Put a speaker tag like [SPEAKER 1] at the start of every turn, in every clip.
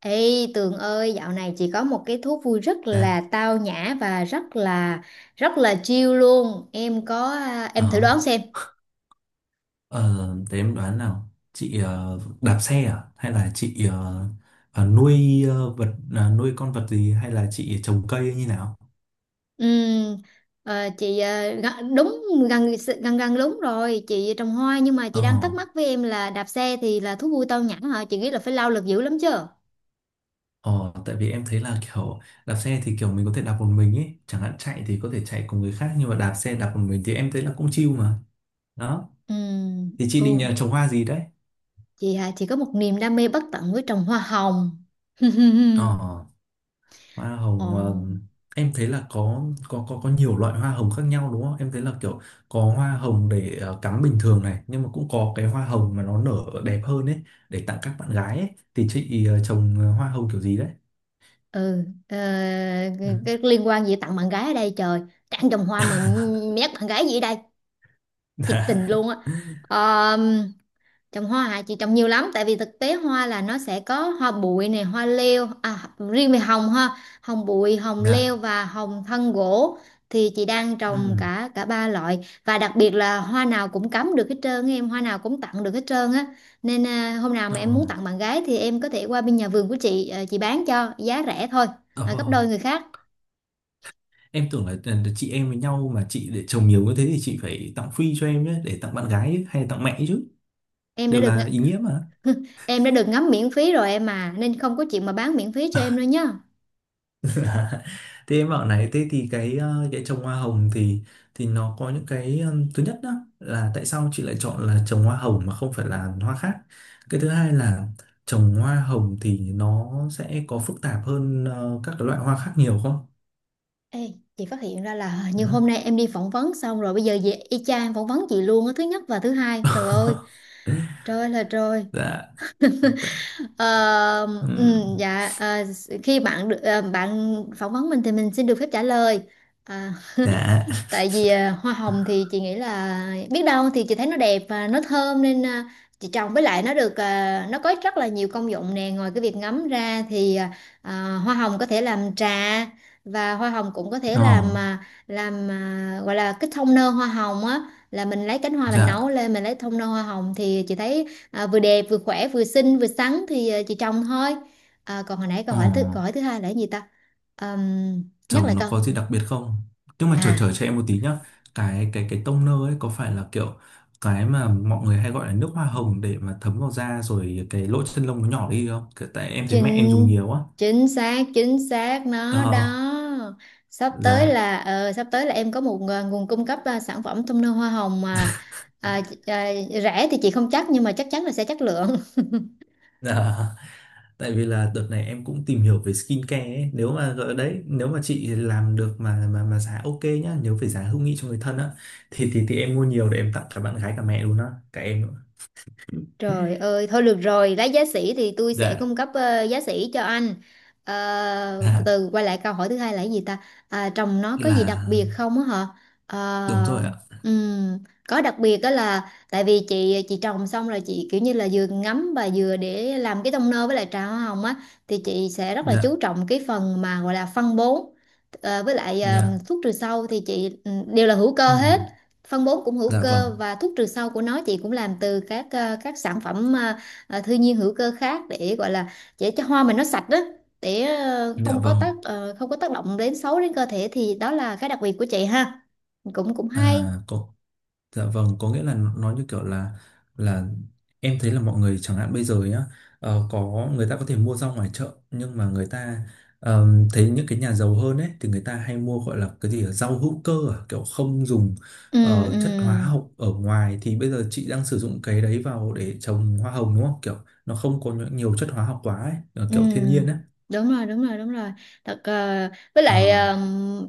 [SPEAKER 1] Ê Tường ơi, dạo này chị có một cái thú vui rất
[SPEAKER 2] Dạ,
[SPEAKER 1] là tao nhã và rất là chill luôn.
[SPEAKER 2] ờ,
[SPEAKER 1] Em thử đoán xem.
[SPEAKER 2] ờ, thế em đoán nào, chị đạp xe à? Hay là chị nuôi con vật gì hay là chị trồng cây hay như nào?
[SPEAKER 1] Ừm, chị đúng, gần gần gần đúng rồi, chị trồng hoa nhưng mà chị
[SPEAKER 2] Ờ,
[SPEAKER 1] đang thắc mắc với em là đạp xe thì là thú vui tao nhã hả? Chị nghĩ là phải lao lực dữ lắm chứ.
[SPEAKER 2] ờ, Tại vì em thấy là kiểu đạp xe thì kiểu mình có thể đạp một mình ấy, chẳng hạn chạy thì có thể chạy cùng người khác nhưng mà đạp xe đạp một mình thì em thấy là cũng chill mà. Đó,
[SPEAKER 1] Ừm,
[SPEAKER 2] thì chị định
[SPEAKER 1] ừ,
[SPEAKER 2] trồng hoa gì đấy?
[SPEAKER 1] chị hả? Chị có một niềm đam mê bất tận với trồng hoa hồng.
[SPEAKER 2] Ờ. Hoa
[SPEAKER 1] Ồ.
[SPEAKER 2] hồng ờ, em thấy là có nhiều loại hoa hồng khác nhau đúng không? Em thấy là kiểu có hoa hồng để cắm bình thường này, nhưng mà cũng có cái hoa hồng mà nó nở đẹp hơn ấy để tặng các bạn gái ấy. Thì chị trồng hoa hồng kiểu gì đấy?
[SPEAKER 1] ừ ờ,
[SPEAKER 2] Ừ.
[SPEAKER 1] cái liên quan gì tặng bạn gái ở đây trời, trồng hoa mà mét bạn gái gì ở đây, thiệt
[SPEAKER 2] Dạ.
[SPEAKER 1] tình luôn á. Ờ, Trồng hoa hả? Chị trồng nhiều lắm tại vì thực tế hoa là nó sẽ có hoa bụi này, hoa leo à, riêng về hồng ha, hồng bụi, hồng
[SPEAKER 2] Dạ.
[SPEAKER 1] leo và hồng thân gỗ, thì chị đang trồng
[SPEAKER 2] Ừ.
[SPEAKER 1] cả cả ba loại, và đặc biệt là hoa nào cũng cắm được hết trơn á em, hoa nào cũng tặng được hết trơn á, nên hôm nào
[SPEAKER 2] Ờ.
[SPEAKER 1] mà em muốn tặng bạn gái thì em có thể qua bên nhà vườn của chị, chị bán cho giá rẻ thôi, gấp
[SPEAKER 2] Ờ.
[SPEAKER 1] đôi người khác.
[SPEAKER 2] Em tưởng là chị em với nhau mà chị để trồng nhiều như thế thì chị phải tặng free cho em nhé để tặng bạn gái ấy, hay là tặng mẹ chứ.
[SPEAKER 1] em đã
[SPEAKER 2] Đều
[SPEAKER 1] được ng-
[SPEAKER 2] là ý nghĩa mà.
[SPEAKER 1] em đã được ngắm miễn phí rồi em mà, nên không có chuyện mà bán miễn phí cho em đâu nhá.
[SPEAKER 2] Thế em bảo này, thế thì cái trồng hoa hồng thì nó có những cái thứ nhất đó là tại sao chị lại chọn là trồng hoa hồng mà không phải là hoa khác? Cái thứ hai là trồng hoa hồng thì nó sẽ có phức tạp hơn các cái loại hoa khác nhiều không?
[SPEAKER 1] Ê, chị phát hiện ra là hình
[SPEAKER 2] Ừ.
[SPEAKER 1] như hôm nay em đi phỏng vấn xong rồi bây giờ về y chang em phỏng vấn chị luôn á, thứ nhất và thứ hai. Trời ơi, trời ơi là trời!
[SPEAKER 2] Dạ. Tại-
[SPEAKER 1] Ờ, ừ,
[SPEAKER 2] ừm,
[SPEAKER 1] dạ, khi bạn được, bạn phỏng vấn mình thì mình xin được phép trả lời. Ờ,
[SPEAKER 2] Dạ.
[SPEAKER 1] Tại vì hoa hồng thì chị nghĩ là, biết đâu thì chị thấy nó đẹp và nó thơm, nên chị trồng, với lại nó được, nó có rất là nhiều công dụng nè, ngoài cái việc ngắm ra thì à, hoa hồng có thể làm trà, và hoa hồng cũng có thể
[SPEAKER 2] Ồ,
[SPEAKER 1] làm, gọi là cái thông nơ hoa hồng á, là mình lấy cánh hoa mình
[SPEAKER 2] dạ.
[SPEAKER 1] nấu lên mình lấy thông nơ hoa hồng, thì chị thấy vừa đẹp vừa khỏe vừa xinh vừa sắn, thì chị trồng thôi. À, còn hồi nãy
[SPEAKER 2] Ồ.
[SPEAKER 1] câu hỏi thứ hai là cái gì ta? Ờm, Nhắc
[SPEAKER 2] Chồng
[SPEAKER 1] lại
[SPEAKER 2] nó
[SPEAKER 1] câu.
[SPEAKER 2] có gì đặc biệt không? Nhưng mà chờ
[SPEAKER 1] À,
[SPEAKER 2] chờ cho em một tí nhá. Cái toner ấy có phải là kiểu cái mà mọi người hay gọi là nước hoa hồng để mà thấm vào da rồi cái lỗ chân lông nó nhỏ đi không? Kiểu, tại em thấy mẹ em dùng
[SPEAKER 1] chính
[SPEAKER 2] nhiều á.
[SPEAKER 1] chính xác, chính xác nó
[SPEAKER 2] Ờ,
[SPEAKER 1] đó. sắp tới
[SPEAKER 2] dạ.
[SPEAKER 1] là ờ, sắp tới là em có một, nguồn cung cấp, sản phẩm toner hoa hồng mà, à, à, rẻ thì chị không chắc nhưng mà chắc chắn là sẽ chất lượng.
[SPEAKER 2] Dạ, tại vì là đợt này em cũng tìm hiểu về skincare ấy. Nếu mà gọi đấy, nếu mà chị làm được mà giá ok nhá, nếu phải giá hữu nghị cho người thân á thì em mua nhiều để em tặng cả bạn gái cả mẹ luôn á, cả em nữa.
[SPEAKER 1] Trời ơi, thôi được rồi, lát giá sỉ thì tôi sẽ
[SPEAKER 2] Dạ,
[SPEAKER 1] cung cấp giá sỉ cho anh. Ờ, Từ
[SPEAKER 2] dạ
[SPEAKER 1] từ quay lại câu hỏi thứ hai là cái gì ta? À, trồng nó có gì đặc
[SPEAKER 2] là
[SPEAKER 1] biệt không á hả? Ờ,
[SPEAKER 2] đúng rồi ạ.
[SPEAKER 1] ừm, có đặc biệt đó là tại vì chị trồng xong rồi, chị kiểu như là vừa ngắm và vừa để làm cái tông nơ với lại trà hoa hồng á, thì chị sẽ rất là
[SPEAKER 2] Dạ.
[SPEAKER 1] chú trọng cái phần mà gọi là phân bón, với lại
[SPEAKER 2] Dạ,
[SPEAKER 1] thuốc trừ sâu thì chị đều là hữu
[SPEAKER 2] ừ,
[SPEAKER 1] cơ hết. Phân bón cũng hữu
[SPEAKER 2] dạ
[SPEAKER 1] cơ,
[SPEAKER 2] vâng,
[SPEAKER 1] và thuốc trừ sâu của nó chị cũng làm từ các sản phẩm thiên nhiên hữu cơ khác, để gọi là để cho hoa mình nó sạch đó, để
[SPEAKER 2] dạ vâng,
[SPEAKER 1] không có tác động đến xấu đến cơ thể. Thì đó là cái đặc biệt của chị ha, cũng cũng hay.
[SPEAKER 2] à, có, dạ vâng, có nghĩa là nó như kiểu là là em thấy là mọi người chẳng hạn bây giờ nhá, có người ta có thể mua rau ngoài chợ nhưng mà người ta thấy những cái nhà giàu hơn ấy thì người ta hay mua gọi là cái gì ở rau hữu cơ à, kiểu không dùng
[SPEAKER 1] Ừ, ừ,
[SPEAKER 2] chất hóa học ở ngoài thì bây giờ chị đang sử dụng cái đấy vào để trồng hoa hồng đúng không? Kiểu nó không có nhiều chất hóa học quá ấy,
[SPEAKER 1] ừ,
[SPEAKER 2] kiểu thiên nhiên ấy.
[SPEAKER 1] đúng rồi, đúng rồi, đúng rồi. Thật với
[SPEAKER 2] Ờ,
[SPEAKER 1] lại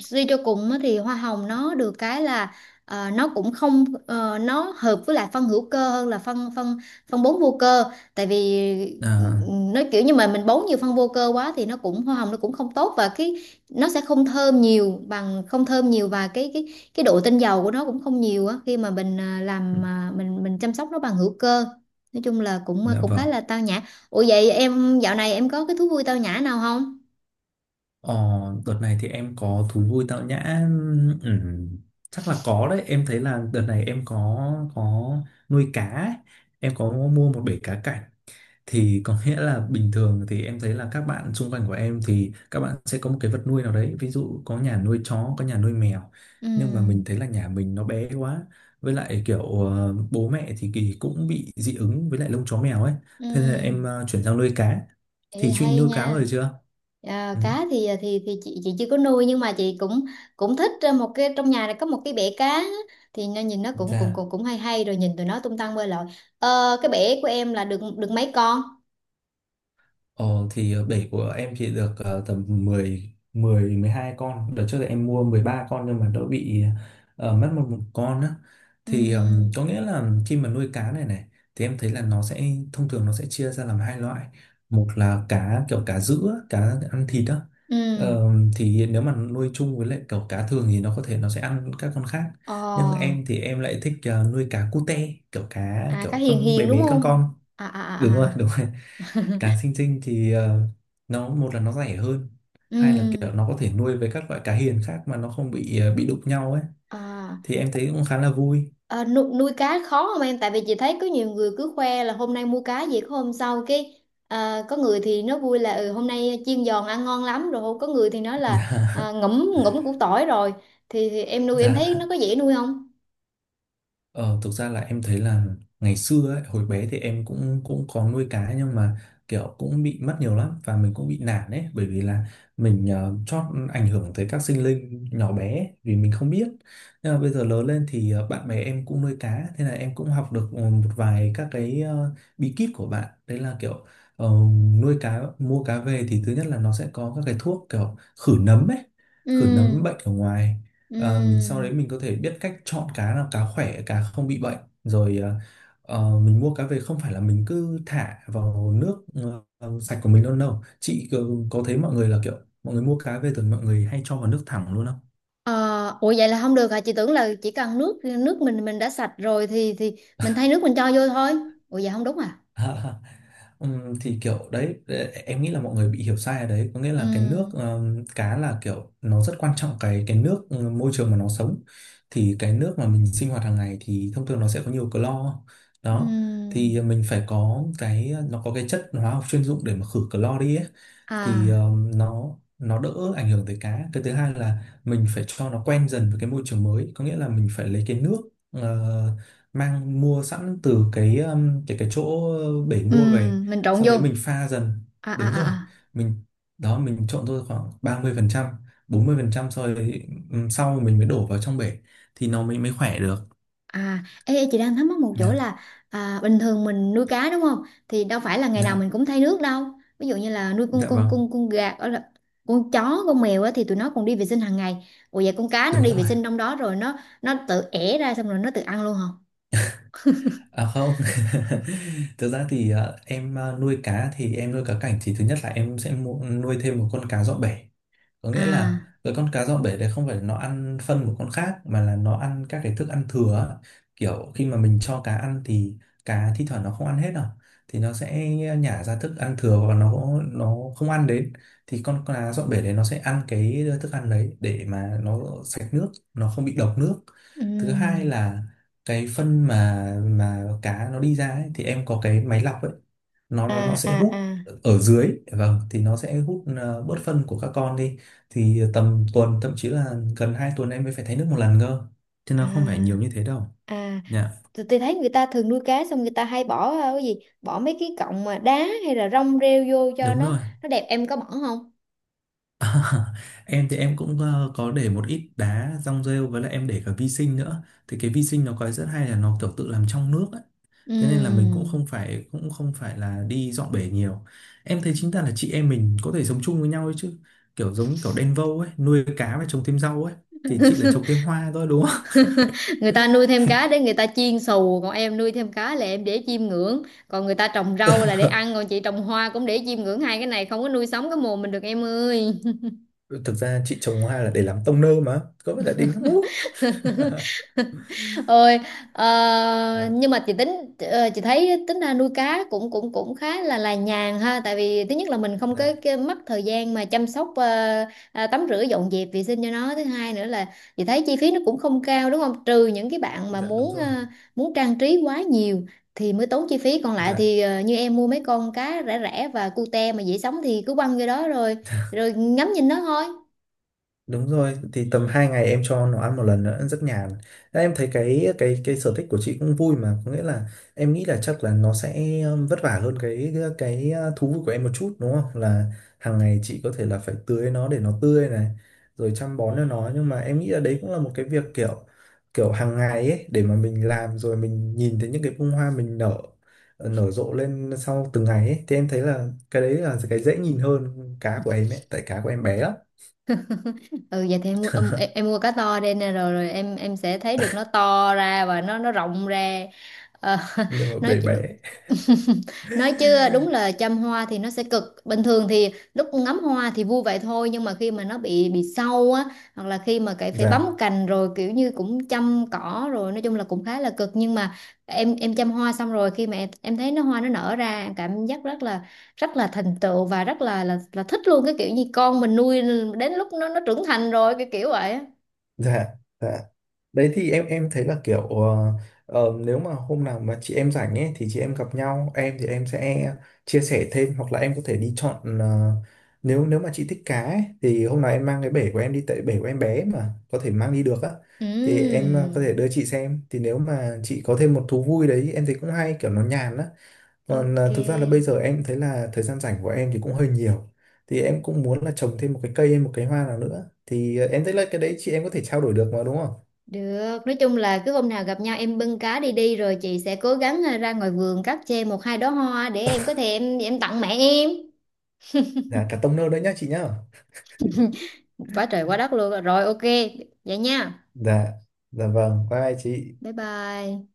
[SPEAKER 1] suy cho cùng á, thì hoa hồng nó được cái là, ờ, nó cũng không ờ, nó hợp với lại phân hữu cơ hơn là phân phân phân bón vô cơ. Tại vì
[SPEAKER 2] à,
[SPEAKER 1] nó kiểu như mà mình bón nhiều phân vô cơ quá thì nó cũng hoa hồng nó cũng không tốt, và cái nó sẽ không thơm nhiều, bằng không thơm nhiều, và cái độ tinh dầu của nó cũng không nhiều á, khi mà mình ờ,
[SPEAKER 2] ừ.
[SPEAKER 1] làm ờ, mình chăm sóc nó bằng hữu cơ. Nói chung là cũng
[SPEAKER 2] Dạ
[SPEAKER 1] cũng
[SPEAKER 2] vâng.
[SPEAKER 1] khá là tao nhã. Ủa vậy em dạo này em có cái thú vui tao nhã nào không?
[SPEAKER 2] Ờ, Đợt này thì em có thú vui tạo nhã ừm, chắc là có đấy em thấy là đợt này em có nuôi cá ấy. Em có mua một bể cá cảnh thì có nghĩa là bình thường thì em thấy là các bạn xung quanh của em thì các bạn sẽ có một cái vật nuôi nào đấy ví dụ có nhà nuôi chó có nhà nuôi mèo
[SPEAKER 1] Ừ,
[SPEAKER 2] nhưng mà mình thấy là nhà mình nó bé quá với lại kiểu bố mẹ thì kỳ cũng bị dị ứng với lại lông chó mèo ấy thế nên là em
[SPEAKER 1] ừ,
[SPEAKER 2] chuyển sang nuôi cá, thì
[SPEAKER 1] Ê,
[SPEAKER 2] chuyện
[SPEAKER 1] hay
[SPEAKER 2] nuôi cá rồi
[SPEAKER 1] nha.
[SPEAKER 2] chưa.
[SPEAKER 1] À,
[SPEAKER 2] Ừ.
[SPEAKER 1] cá thì chị chưa có nuôi nhưng mà chị cũng cũng thích một cái trong nhà này có một cái bể cá á. Thì nó nhìn nó cũng cũng
[SPEAKER 2] Dạ.
[SPEAKER 1] cũng cũng hay hay, rồi nhìn tụi nó tung tăng bơi lội. Ờ, cái bể của em là được được mấy con?
[SPEAKER 2] Ờ, thì bể của em chỉ được tầm 10 10 12 con. Đợt trước thì em mua 13 con nhưng mà đỡ bị mất một con á.
[SPEAKER 1] Ừ,
[SPEAKER 2] Thì có nghĩa là khi mà nuôi cá này này thì em thấy là nó sẽ thông thường nó sẽ chia ra làm 2 loại. Một là cá kiểu cá sữa, cá ăn thịt á.
[SPEAKER 1] ừ,
[SPEAKER 2] Ờ, thì nếu mà nuôi chung với lại kiểu cá thường thì nó có thể nó sẽ ăn các con khác. Nhưng
[SPEAKER 1] ờ,
[SPEAKER 2] em thì em lại thích nuôi cá cute, kiểu cá
[SPEAKER 1] à, cá
[SPEAKER 2] kiểu
[SPEAKER 1] hiền
[SPEAKER 2] con bé
[SPEAKER 1] hiền đúng
[SPEAKER 2] bé con
[SPEAKER 1] không?
[SPEAKER 2] con.
[SPEAKER 1] À, à à,
[SPEAKER 2] Đúng rồi, đúng rồi
[SPEAKER 1] à.
[SPEAKER 2] cá sinh tinh thì nó một là nó rẻ hơn hai là
[SPEAKER 1] Ừ,
[SPEAKER 2] kiểu nó có thể nuôi với các loại cá hiền khác mà nó không bị bị đụng nhau ấy
[SPEAKER 1] à.
[SPEAKER 2] thì em thấy cũng khá là vui.
[SPEAKER 1] Ờ, nuôi cá khó không em? Tại vì chị thấy có nhiều người cứ khoe là hôm nay mua cá gì, có hôm sau cái, có người thì nó vui là, hôm nay chiên giòn ăn ngon lắm rồi, không có, người thì nói là, ngẫm ngẫm củ tỏi rồi. Thì em nuôi em thấy nó
[SPEAKER 2] Dạ.
[SPEAKER 1] có dễ nuôi không?
[SPEAKER 2] Ờ, Thực ra là em thấy là ngày xưa ấy, hồi bé thì em cũng cũng có nuôi cá nhưng mà kiểu cũng bị mất nhiều lắm và mình cũng bị nản ấy bởi vì là mình chót ảnh hưởng tới các sinh linh nhỏ bé ấy, vì mình không biết nhưng mà bây giờ lớn lên thì bạn bè em cũng nuôi cá thế là em cũng học được một vài các cái bí kíp của bạn đấy là kiểu ờ, nuôi cá mua cá về thì thứ nhất là nó sẽ có các cái thuốc kiểu khử nấm ấy, khử
[SPEAKER 1] Ừ,
[SPEAKER 2] nấm bệnh ở ngoài. Mình sau
[SPEAKER 1] ừ.
[SPEAKER 2] đấy mình có thể biết cách chọn cá nào cá khỏe cá không bị bệnh rồi mình mua cá về không phải là mình cứ thả vào nước sạch của mình đâu. Đâu chị có thấy mọi người là kiểu mọi người mua cá về thường mọi người hay cho vào nước thẳng luôn không?
[SPEAKER 1] Ờ, Ủa vậy là không được hả? Chị tưởng là chỉ cần nước nước mình đã sạch rồi thì mình thay nước mình cho vô thôi. Ủa vậy không đúng à?
[SPEAKER 2] Thì kiểu đấy em nghĩ là mọi người bị hiểu sai ở đấy có nghĩa
[SPEAKER 1] Ừ,
[SPEAKER 2] là cái nước cá là kiểu nó rất quan trọng cái nước, môi trường mà nó sống, thì cái nước mà mình sinh hoạt hàng ngày thì thông thường nó sẽ có nhiều clo đó
[SPEAKER 1] ừ.
[SPEAKER 2] thì mình phải có cái, nó có cái chất hóa học chuyên dụng để mà khử clo đi ấy. Thì
[SPEAKER 1] À,
[SPEAKER 2] nó đỡ ảnh hưởng tới cá, cái thứ hai là mình phải cho nó quen dần với cái môi trường mới có nghĩa là mình phải lấy cái nước ờ, mang mua sẵn từ cái cái chỗ bể
[SPEAKER 1] ừ,
[SPEAKER 2] mua về
[SPEAKER 1] mình trộn
[SPEAKER 2] sau
[SPEAKER 1] vô.
[SPEAKER 2] đấy mình pha dần,
[SPEAKER 1] À, à,
[SPEAKER 2] đúng rồi
[SPEAKER 1] à. À.
[SPEAKER 2] mình đó mình trộn thôi khoảng 30% 40% sau đấy sau mình mới đổ vào trong bể thì nó mới mới khỏe được.
[SPEAKER 1] À, ê, ê, chị đang thắc mắc một chỗ
[SPEAKER 2] Dạ
[SPEAKER 1] là, bình thường mình nuôi cá đúng không? Thì đâu phải là ngày nào
[SPEAKER 2] dạ
[SPEAKER 1] mình cũng thay nước đâu. Ví dụ như là nuôi con
[SPEAKER 2] dạ
[SPEAKER 1] con
[SPEAKER 2] vâng
[SPEAKER 1] con con gà, ở là con chó, con mèo á, thì tụi nó còn đi vệ sinh hàng ngày. Ủa vậy con cá nó
[SPEAKER 2] đúng
[SPEAKER 1] đi vệ
[SPEAKER 2] rồi.
[SPEAKER 1] sinh trong đó rồi nó tự ẻ ra, xong rồi nó tự ăn luôn hả?
[SPEAKER 2] À không. Thực ra thì em nuôi cá thì em nuôi cá cảnh thì thứ nhất là em sẽ mua, nuôi thêm một con cá dọn bể có
[SPEAKER 1] À.
[SPEAKER 2] nghĩa là cái con cá dọn bể đấy không phải nó ăn phân của con khác mà là nó ăn các cái thức ăn thừa á. Kiểu khi mà mình cho cá ăn thì cá thi thoảng nó không ăn hết đâu thì nó sẽ nhả ra thức ăn thừa và nó không ăn đến thì con cá dọn bể đấy nó sẽ ăn cái thức ăn đấy để mà nó sạch nước, nó không bị độc nước. Thứ hai
[SPEAKER 1] Ừm,
[SPEAKER 2] là cái phân mà cá nó đi ra ấy, thì em có cái máy lọc ấy, nó
[SPEAKER 1] à
[SPEAKER 2] nó nó sẽ
[SPEAKER 1] à
[SPEAKER 2] hút
[SPEAKER 1] à
[SPEAKER 2] ở dưới, vâng thì nó sẽ hút bớt phân của các con đi thì tầm tuần thậm chí là gần 2 tuần em mới phải thay nước một lần cơ chứ nó không phải nhiều
[SPEAKER 1] à
[SPEAKER 2] như thế đâu.
[SPEAKER 1] à
[SPEAKER 2] Dạ.
[SPEAKER 1] tôi thấy người ta thường nuôi cá xong người ta hay bỏ, cái gì, bỏ mấy cái cọng mà đá hay là rong rêu vô cho
[SPEAKER 2] Đúng
[SPEAKER 1] nó
[SPEAKER 2] rồi.
[SPEAKER 1] nó đẹp, em có bỏ không?
[SPEAKER 2] Em thì em cũng có để một ít đá rong rêu với lại em để cả vi sinh nữa thì cái vi sinh nó có rất hay là nó kiểu tự làm trong nước ấy. Thế nên là mình cũng
[SPEAKER 1] Ừm.
[SPEAKER 2] không phải cũng không phải là đi dọn bể nhiều. Em thấy chính ta là chị em mình có thể sống chung với nhau ấy chứ, kiểu giống như kiểu đen vâu ấy nuôi cá và trồng thêm rau ấy, thì chị là trồng thêm hoa thôi đúng không?
[SPEAKER 1] Người ta nuôi thêm cá để người ta chiên xù, còn em nuôi thêm cá là em để chiêm ngưỡng, còn người ta trồng rau là để ăn, còn chị trồng hoa cũng để chiêm ngưỡng, hai cái này không có nuôi sống cái mồm mình được em ơi.
[SPEAKER 2] Thực ra chị trồng hoa là để làm tông nơ mà, có phải là đỉnh lắm không?
[SPEAKER 1] Ôi.
[SPEAKER 2] Dạ
[SPEAKER 1] Nhưng mà chị thấy tính ra nuôi cá cũng cũng cũng khá là nhàn ha, tại vì thứ nhất là mình không có
[SPEAKER 2] dạ
[SPEAKER 1] cái mất thời gian mà chăm sóc, tắm rửa dọn dẹp vệ sinh cho nó. Thứ hai nữa là chị thấy chi phí nó cũng không cao đúng không, trừ những cái bạn mà
[SPEAKER 2] dạ đúng
[SPEAKER 1] muốn
[SPEAKER 2] rồi.
[SPEAKER 1] ờ, muốn trang trí quá nhiều thì mới tốn chi phí, còn lại
[SPEAKER 2] Dạ.
[SPEAKER 1] thì như em mua mấy con cá rẻ rẻ và cute mà dễ sống thì cứ quăng vô đó, rồi rồi ngắm nhìn nó thôi.
[SPEAKER 2] Đúng rồi, thì tầm 2 ngày em cho nó ăn một lần nữa, rất nhàn. Đấy, em thấy cái sở thích của chị cũng vui mà, có nghĩa là em nghĩ là chắc là nó sẽ vất vả hơn cái thú vui của em một chút đúng không? Là hàng ngày chị có thể là phải tưới nó để nó tươi này, rồi chăm bón cho nó, nhưng mà em nghĩ là đấy cũng là một cái việc kiểu kiểu hàng ngày ấy để mà mình làm rồi mình nhìn thấy những cái bông hoa mình nở rộ lên sau từng ngày ấy thì em thấy là cái đấy là cái dễ nhìn hơn cá của em ấy, tại cá của em bé lắm.
[SPEAKER 1] Ừ Vậy thì em mua cá to đây nè, rồi rồi em sẽ thấy được nó to ra và nó rộng ra. Ờ,
[SPEAKER 2] Nhưng mà
[SPEAKER 1] nói
[SPEAKER 2] bé bé.
[SPEAKER 1] nói chứ đúng là chăm hoa thì nó sẽ cực, bình thường thì lúc ngắm hoa thì vui vậy thôi, nhưng mà khi mà nó bị sâu á, hoặc là khi mà cái phải
[SPEAKER 2] Dạ.
[SPEAKER 1] bấm cành rồi kiểu như cũng chăm cỏ rồi, nói chung là cũng khá là cực, nhưng mà em chăm hoa xong rồi khi mà em thấy nó hoa nó nở ra, em cảm giác rất là thành tựu, và rất là là thích luôn cái kiểu như con mình nuôi đến lúc nó trưởng thành rồi cái kiểu vậy á.
[SPEAKER 2] Dạ. Dạ. Đấy thì em thấy là kiểu nếu mà hôm nào mà chị em rảnh ấy thì chị em gặp nhau em thì em sẽ chia sẻ thêm hoặc là em có thể đi chọn nếu nếu mà chị thích cá ấy, thì hôm nào em mang cái bể của em đi tại bể của em bé mà có thể mang đi được á thì em có thể
[SPEAKER 1] Ừm,
[SPEAKER 2] đưa chị xem thì nếu mà chị có thêm một thú vui đấy em thấy cũng hay kiểu nó nhàn á. Còn
[SPEAKER 1] ok.
[SPEAKER 2] à, thực ra là bây giờ em thấy là thời gian rảnh của em thì cũng hơi nhiều. Thì em cũng muốn là trồng thêm một cái cây hay một cái hoa nào nữa. Thì à, em thấy là cái đấy chị em có thể trao đổi được mà đúng không?
[SPEAKER 1] Được, nói chung là cứ hôm nào gặp nhau em bưng cá đi đi, rồi chị sẽ cố gắng ra ngoài vườn cắt chê một hai đóa hoa để em có thể em tặng mẹ em.
[SPEAKER 2] Dạ, cả tông nơ đấy nhá chị nhá.
[SPEAKER 1] Quá trời quá đất luôn. Rồi ok, vậy nha.
[SPEAKER 2] Dạ, dạ vâng, bye bye chị.
[SPEAKER 1] Bye bye.